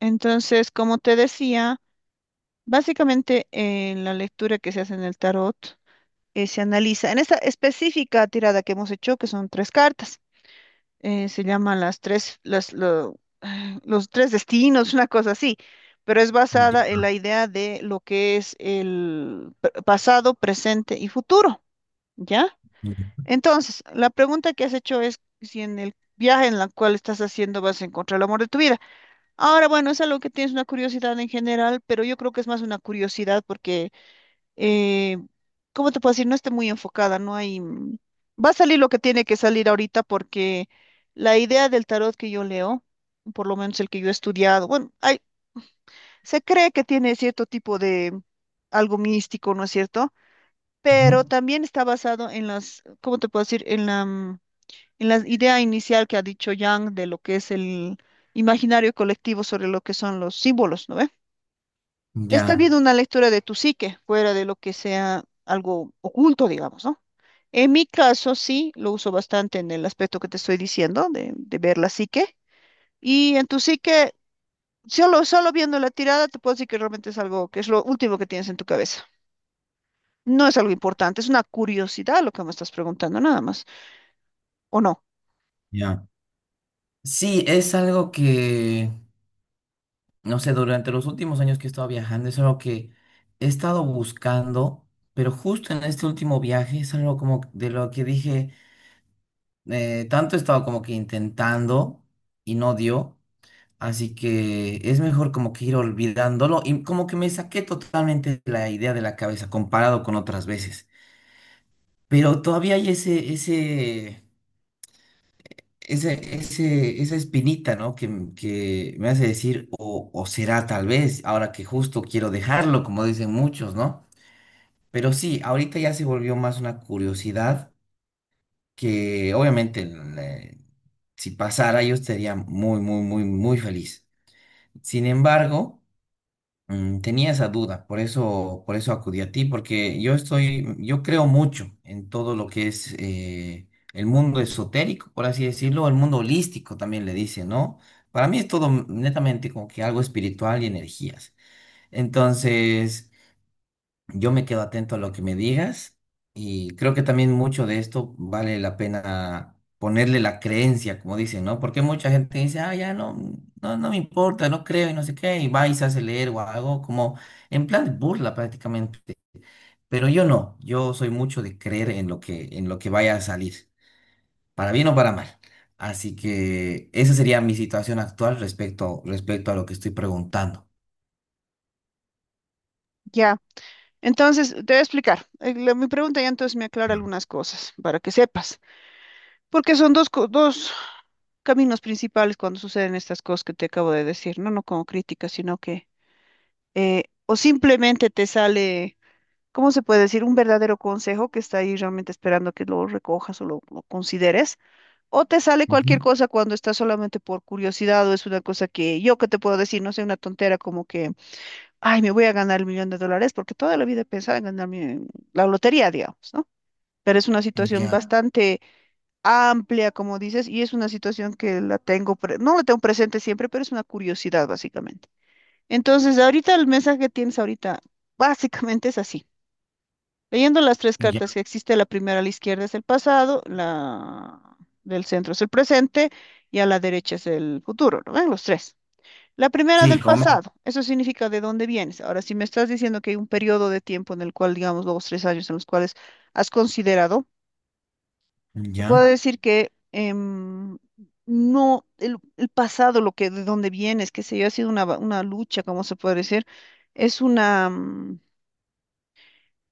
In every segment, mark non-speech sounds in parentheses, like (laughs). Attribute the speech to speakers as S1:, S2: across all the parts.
S1: Entonces, como te decía, básicamente en la lectura que se hace en el tarot, se analiza, en esta específica tirada que hemos hecho, que son tres cartas, se llaman las tres, (sighs) los tres destinos, una cosa así, pero es basada en
S2: Ya,
S1: la idea de lo que es el pasado, presente y futuro, ¿ya?
S2: ya,
S1: Entonces, la pregunta que has hecho es si en el viaje en el cual estás haciendo vas a encontrar el amor de tu vida. Ahora, bueno, es algo que tienes una curiosidad en general, pero yo creo que es más una curiosidad porque, eh, ¿cómo te puedo decir? No esté muy enfocada, no hay... va a salir lo que tiene que salir ahorita porque la idea del tarot que yo leo, por lo menos el que yo he estudiado, bueno, hay, se cree que tiene cierto tipo de algo místico, ¿no es cierto?
S2: ujú,
S1: Pero también está basado en las, ¿cómo te puedo decir? En la idea inicial que ha dicho Yang de lo que es el imaginario colectivo sobre lo que son los símbolos, ¿no ve? Está
S2: Ya.
S1: habiendo una lectura de tu psique, fuera de lo que sea algo oculto, digamos, ¿no? En mi caso, sí, lo uso bastante en el aspecto que te estoy diciendo, de ver la psique. Y en tu psique, solo viendo la tirada, te puedo decir que realmente es algo que es lo último que tienes en tu cabeza. No es algo importante, es una curiosidad lo que me estás preguntando, nada más. ¿O no?
S2: Ya. Sí, es algo que, no sé, durante los últimos años que he estado viajando, es algo que he estado buscando, pero justo en este último viaje es algo como de lo que dije, tanto he estado como que intentando y no dio, así que es mejor como que ir olvidándolo y como que me saqué totalmente la idea de la cabeza comparado con otras veces, pero todavía hay esa espinita, ¿no? Que, que me hace decir, o será tal vez, ahora que justo quiero dejarlo, como dicen muchos, ¿no? Pero sí, ahorita ya se volvió más una curiosidad que obviamente, eh, si pasara yo estaría muy, muy, muy, muy feliz. Sin embargo... Tenía esa duda, por eso acudí a ti, porque yo creo mucho en todo lo que es el mundo esotérico, por así decirlo, el mundo holístico también le dice, ¿no? Para mí es todo netamente como que algo espiritual y energías. Entonces, yo me quedo atento a lo que me digas y creo que también mucho de esto vale la pena ponerle la creencia, como dicen, ¿no? Porque mucha gente dice, ah, ya no, no, no me importa, no creo y no sé qué, y va y se hace leer o algo como en plan de burla prácticamente. Pero yo no, yo soy mucho de creer en lo que vaya a salir, para bien o para mal. Así que esa sería mi situación actual respecto a lo que estoy preguntando.
S1: Ya. Entonces, te voy a explicar. Mi pregunta ya entonces me aclara algunas cosas para que sepas. Porque son dos caminos principales cuando suceden estas cosas que te acabo de decir, no, no como crítica, sino que o simplemente te sale, ¿cómo se puede decir? Un verdadero consejo que está ahí realmente esperando que lo recojas o lo consideres, o te sale cualquier
S2: Ujú.
S1: cosa cuando estás solamente por curiosidad o es una cosa que yo que te puedo decir, no sé, una tontera como que, ay, me voy a ganar el millón de dólares porque toda la vida he pensado en ganarme la lotería, digamos, ¿no? Pero es una situación
S2: Ya,
S1: bastante amplia, como dices, y es una situación que la tengo, no la tengo presente siempre, pero es una curiosidad básicamente. Entonces, ahorita el mensaje que tienes ahorita (laughs) básicamente es así. Leyendo las tres
S2: ya.
S1: cartas que existe, la primera a la izquierda es el pasado, la del centro es el presente y a la derecha es el futuro, ¿no ven? Los tres. La primera
S2: Sí,
S1: del pasado, eso significa de dónde vienes. Ahora, si me estás diciendo que hay un periodo de tiempo en el cual, digamos, los tres años en los cuales has considerado te puedo
S2: ya,
S1: decir que no, el, pasado, lo que, de dónde vienes, qué sé yo, ha sido una lucha, como se puede decir, es una, mm,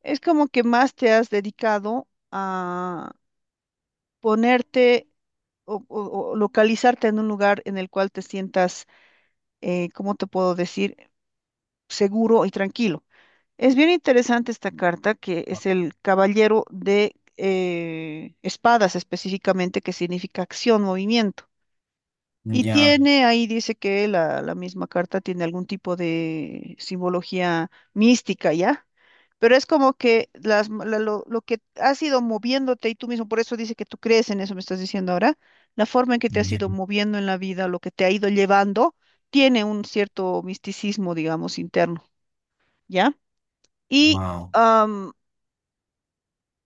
S1: es como que más te has dedicado a ponerte o localizarte en un lugar en el cual te sientas, ¿cómo te puedo decir?, seguro y tranquilo. Es bien interesante esta carta, que es el Caballero de Espadas específicamente, que significa acción, movimiento. Y
S2: ya.
S1: tiene, ahí dice que la misma carta tiene algún tipo de simbología mística, ¿ya? Pero es como que las, m- la- lo que has ido moviéndote y tú mismo, por eso dice que tú crees en eso, me estás diciendo ahora, la forma en que te has
S2: Ya,
S1: ido moviendo en la vida, lo que te ha ido llevando, tiene un cierto misticismo, digamos, interno, ¿ya? Y,
S2: wow,
S1: am,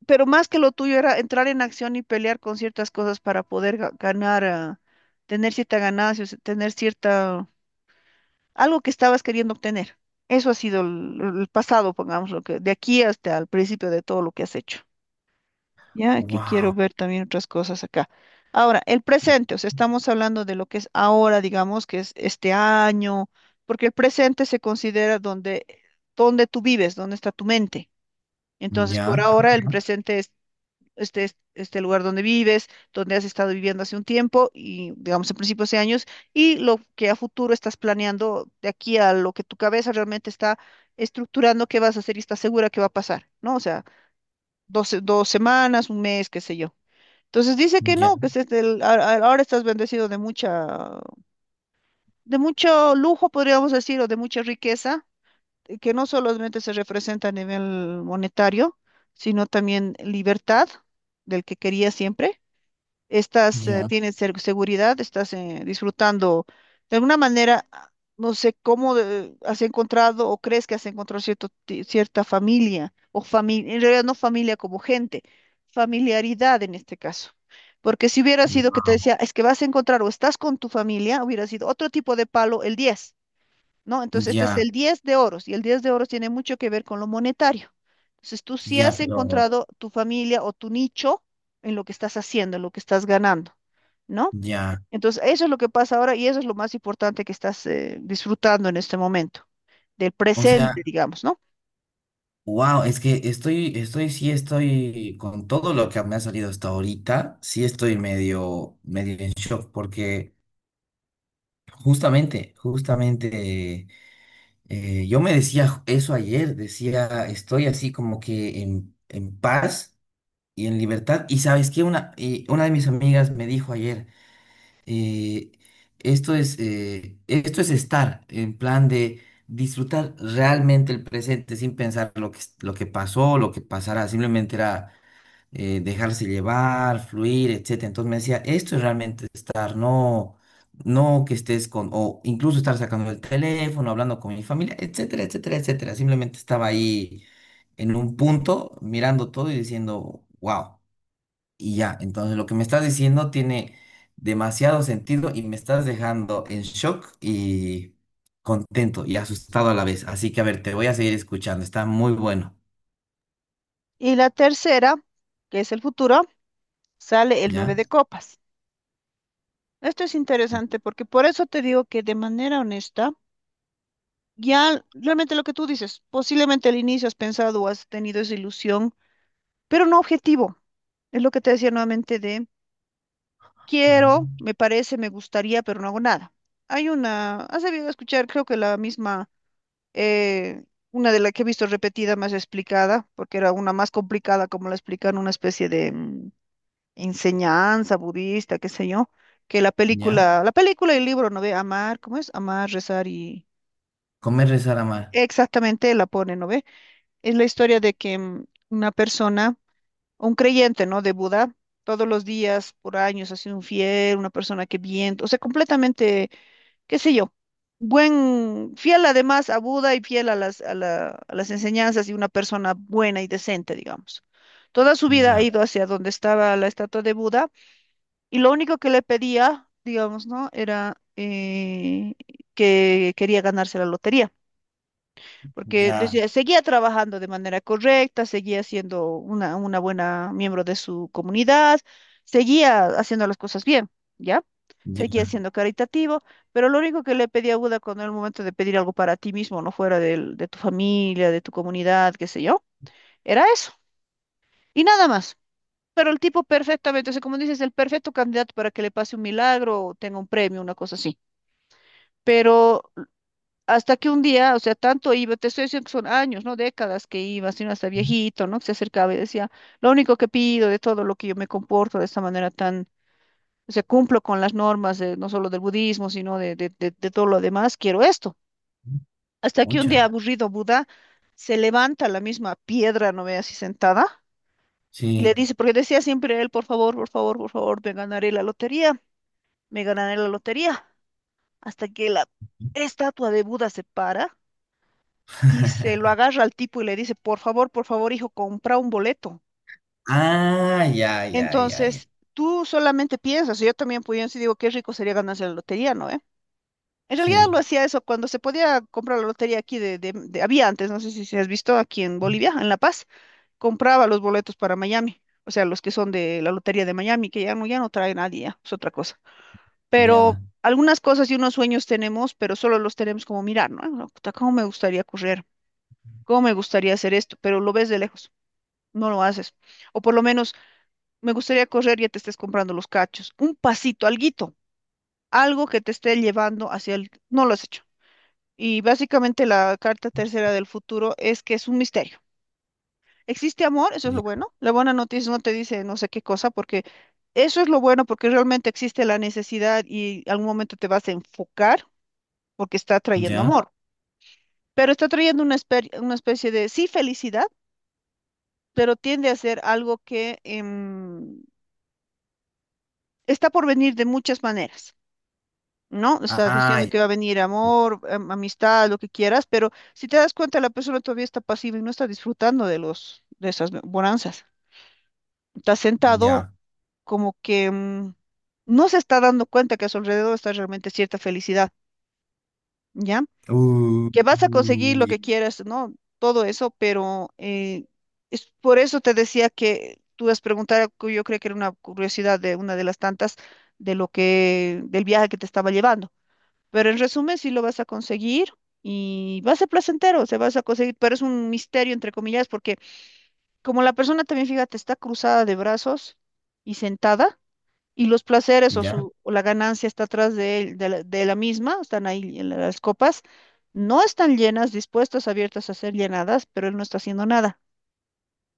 S1: pero más que lo tuyo era entrar en acción y pelear con ciertas cosas para poder ganar, tener cierta ganancia, o sea, tener cierta algo que estabas queriendo obtener. Eso ha sido el, pasado, pongamos lo que, de aquí hasta el principio de todo lo que has hecho. Ya que quiero
S2: wow,
S1: ver también otras cosas acá. Ahora, el presente, o sea, estamos hablando de lo que es ahora, digamos, que es este año, porque el presente se considera donde tú vives, donde está tu mente. Entonces, por
S2: ya,
S1: ahora el presente es este, este lugar donde vives, donde has estado viviendo hace un tiempo y digamos en principio hace años, y lo que a futuro estás planeando de aquí a lo que tu cabeza realmente está estructurando qué vas a hacer y estás segura que va a pasar, ¿no? O sea, dos semanas, un mes, qué sé yo. Entonces dice que
S2: ya,
S1: no, que es este ahora estás bendecido de mucho lujo, podríamos decir, o de mucha riqueza, que no solamente se representa a nivel monetario, sino también libertad del que quería siempre estás,
S2: ya,
S1: tienes seguridad, estás disfrutando de alguna manera, no sé cómo has encontrado o crees que has encontrado cierta familia o familia, en realidad no familia como gente, familiaridad en este caso. Porque si hubiera sido que te
S2: wow,
S1: decía, es que vas a encontrar o estás con tu familia, hubiera sido otro tipo de palo el 10. ¿No? Entonces, este es
S2: ya,
S1: el 10 de oros y el 10 de oros tiene mucho que ver con lo monetario. Entonces, tú sí
S2: ya,
S1: has
S2: pero
S1: encontrado tu familia o tu nicho en lo que estás haciendo, en lo que estás ganando, ¿no?
S2: ya.
S1: Entonces, eso es lo que pasa ahora y eso es lo más importante que estás disfrutando en este momento, del
S2: O sea,
S1: presente, digamos, ¿no?
S2: wow, es que sí estoy con todo lo que me ha salido hasta ahorita, sí estoy medio, medio en shock, porque justamente, justamente, yo me decía eso ayer, decía, estoy así como que en paz y en libertad. Y sabes qué, y una de mis amigas me dijo ayer. eh, esto es estar en plan de disfrutar realmente el presente sin pensar lo que, lo que pasó, lo que pasará. Simplemente era, dejarse llevar, fluir, etcétera. Entonces me decía, esto es realmente estar, no, no que estés con, o incluso estar sacando el teléfono, hablando con mi familia, etcétera, etcétera, etcétera. Simplemente estaba ahí en un punto mirando todo y diciendo, wow. Y ya, entonces lo que me estás diciendo tiene demasiado sentido y me estás dejando en shock y contento y asustado a la vez. Así que a ver, te voy a seguir escuchando. Está muy bueno.
S1: Y la tercera, que es el futuro, sale el 9
S2: ¿Ya?
S1: de copas. Esto es interesante porque por eso te digo que de manera honesta, ya realmente lo que tú dices, posiblemente al inicio has pensado o has tenido esa ilusión pero no objetivo. Es lo que te decía nuevamente de
S2: Ah,
S1: quiero, me parece, me gustaría, pero no hago nada. Hay una, has debido escuchar, creo que la misma, eh, una de las que he visto repetida, más explicada, porque era una más complicada, como la explican, una especie de enseñanza budista, qué sé yo, que
S2: ¿ya?
S1: la película y el libro, ¿no ve? Amar, ¿cómo es? Amar, rezar y...
S2: Comer, rezar, amar.
S1: Exactamente, la pone, ¿no ve? Es la historia de que una persona un creyente, ¿no? De Buda, todos los días, por años, ha sido un fiel, una persona que bien, o sea, completamente, qué sé yo, buen, fiel además a Buda y fiel a las enseñanzas y una persona buena y decente, digamos. Toda su vida ha
S2: Ya.
S1: ido hacia donde estaba la estatua de Buda y lo único que le pedía, digamos, ¿no? Era que quería ganarse la lotería porque
S2: Ya.
S1: decía, seguía trabajando de manera correcta, seguía siendo una buena miembro de su comunidad, seguía haciendo las cosas bien, ¿ya? Seguía
S2: Ya.
S1: siendo caritativo, pero lo único que le pedía a Buda cuando era el momento de pedir algo para ti mismo, no fuera de tu familia, de tu comunidad, qué sé yo, era eso, y nada más. Pero el tipo perfectamente, o sea, como dices, el perfecto candidato para que le pase un milagro o tenga un premio, una cosa así. Pero hasta que un día, o sea, tanto iba, te estoy diciendo que son años, no décadas que iba, sino hasta viejito, ¿no? Que se acercaba y decía, lo único que pido de todo lo que yo me comporto de esta manera tan, o sea, cumplo con las normas de, no solo del budismo, sino de todo lo demás, quiero esto. Hasta que un día
S2: Mucha.
S1: aburrido Buda se levanta la misma piedra, no ve así sentada, y le
S2: Sí.
S1: dice, porque decía siempre él, por favor, por favor, por favor, me ganaré la lotería, me ganaré la lotería. Hasta que la estatua de Buda se para y se
S2: (laughs)
S1: lo agarra al tipo y le dice, por favor, hijo, compra un boleto.
S2: Ah, ya, ya, ya, ya.
S1: Entonces, tú solamente piensas, yo también, pues yo sí digo, qué rico sería ganarse la lotería, ¿no? ¿Eh? En realidad lo
S2: Sí.
S1: hacía eso cuando se podía comprar la lotería aquí había antes, no sé si has visto aquí en Bolivia, en La Paz, compraba los boletos para Miami, o sea, los que son de la lotería de Miami, que ya no, ya no trae nadie, ya, es otra cosa. Pero
S2: Ya.
S1: algunas cosas y unos sueños tenemos, pero solo los tenemos como mirar, ¿no? Ah, puta, ¿cómo me gustaría correr? ¿Cómo me gustaría hacer esto? Pero lo ves de lejos. No lo haces. O por lo menos, me gustaría correr y ya te estés comprando los cachos. Un pasito, alguito, algo que te esté llevando hacia el... No lo has hecho. Y básicamente la carta tercera del futuro es que es un misterio. ¿Existe amor? Eso es lo
S2: Ya.
S1: bueno. La buena noticia no te dice no sé qué cosa, porque eso es lo bueno, porque realmente existe la necesidad y algún momento te vas a enfocar porque está trayendo
S2: Ya.
S1: amor. Pero está trayendo una especie de, sí, felicidad, pero tiende a ser algo que... está por venir de muchas maneras, ¿no? Está
S2: Ah,
S1: diciendo que va a venir amor, amistad, lo que quieras, pero si te das cuenta, la persona todavía está pasiva y no está disfrutando de esas bonanzas. Está sentado
S2: ya.
S1: como que no se está dando cuenta que a su alrededor está realmente cierta felicidad, ¿ya?
S2: Uh,
S1: Que vas a conseguir lo
S2: uh,
S1: que quieras, ¿no? Todo eso, pero es por eso te decía que tú has preguntado, que yo creo que era una curiosidad de una de las tantas de lo que, del viaje que te estaba llevando. Pero en resumen, sí lo vas a conseguir y va a ser placentero, se vas a conseguir, pero es un misterio, entre comillas, porque como la persona también, fíjate, está cruzada de brazos y sentada, y los placeres o,
S2: ya.
S1: su, o la ganancia está atrás de la misma, están ahí en las copas, no están llenas, dispuestas, abiertas a ser llenadas, pero él no está haciendo nada.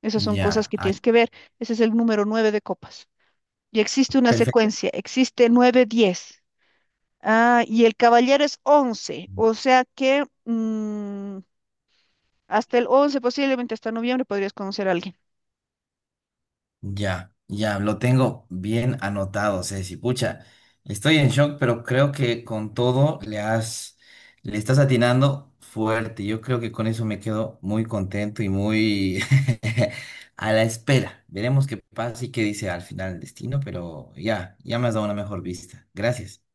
S1: Esas son cosas
S2: Ya.
S1: que tienes que ver. Ese es el número nueve de copas. Y existe una
S2: Perfecto.
S1: secuencia, existe nueve, diez. Ah, y el caballero es 11, o sea que hasta el 11 posiblemente hasta noviembre, podrías conocer a alguien.
S2: Ya, ya, lo tengo bien anotado, Ceci. Pucha, estoy en shock, pero creo que con todo le estás atinando fuerte. Yo creo que con eso me quedo muy contento y muy (laughs) a la espera. Veremos qué pasa y qué dice al final el destino, pero ya, ya me has dado una mejor vista. Gracias.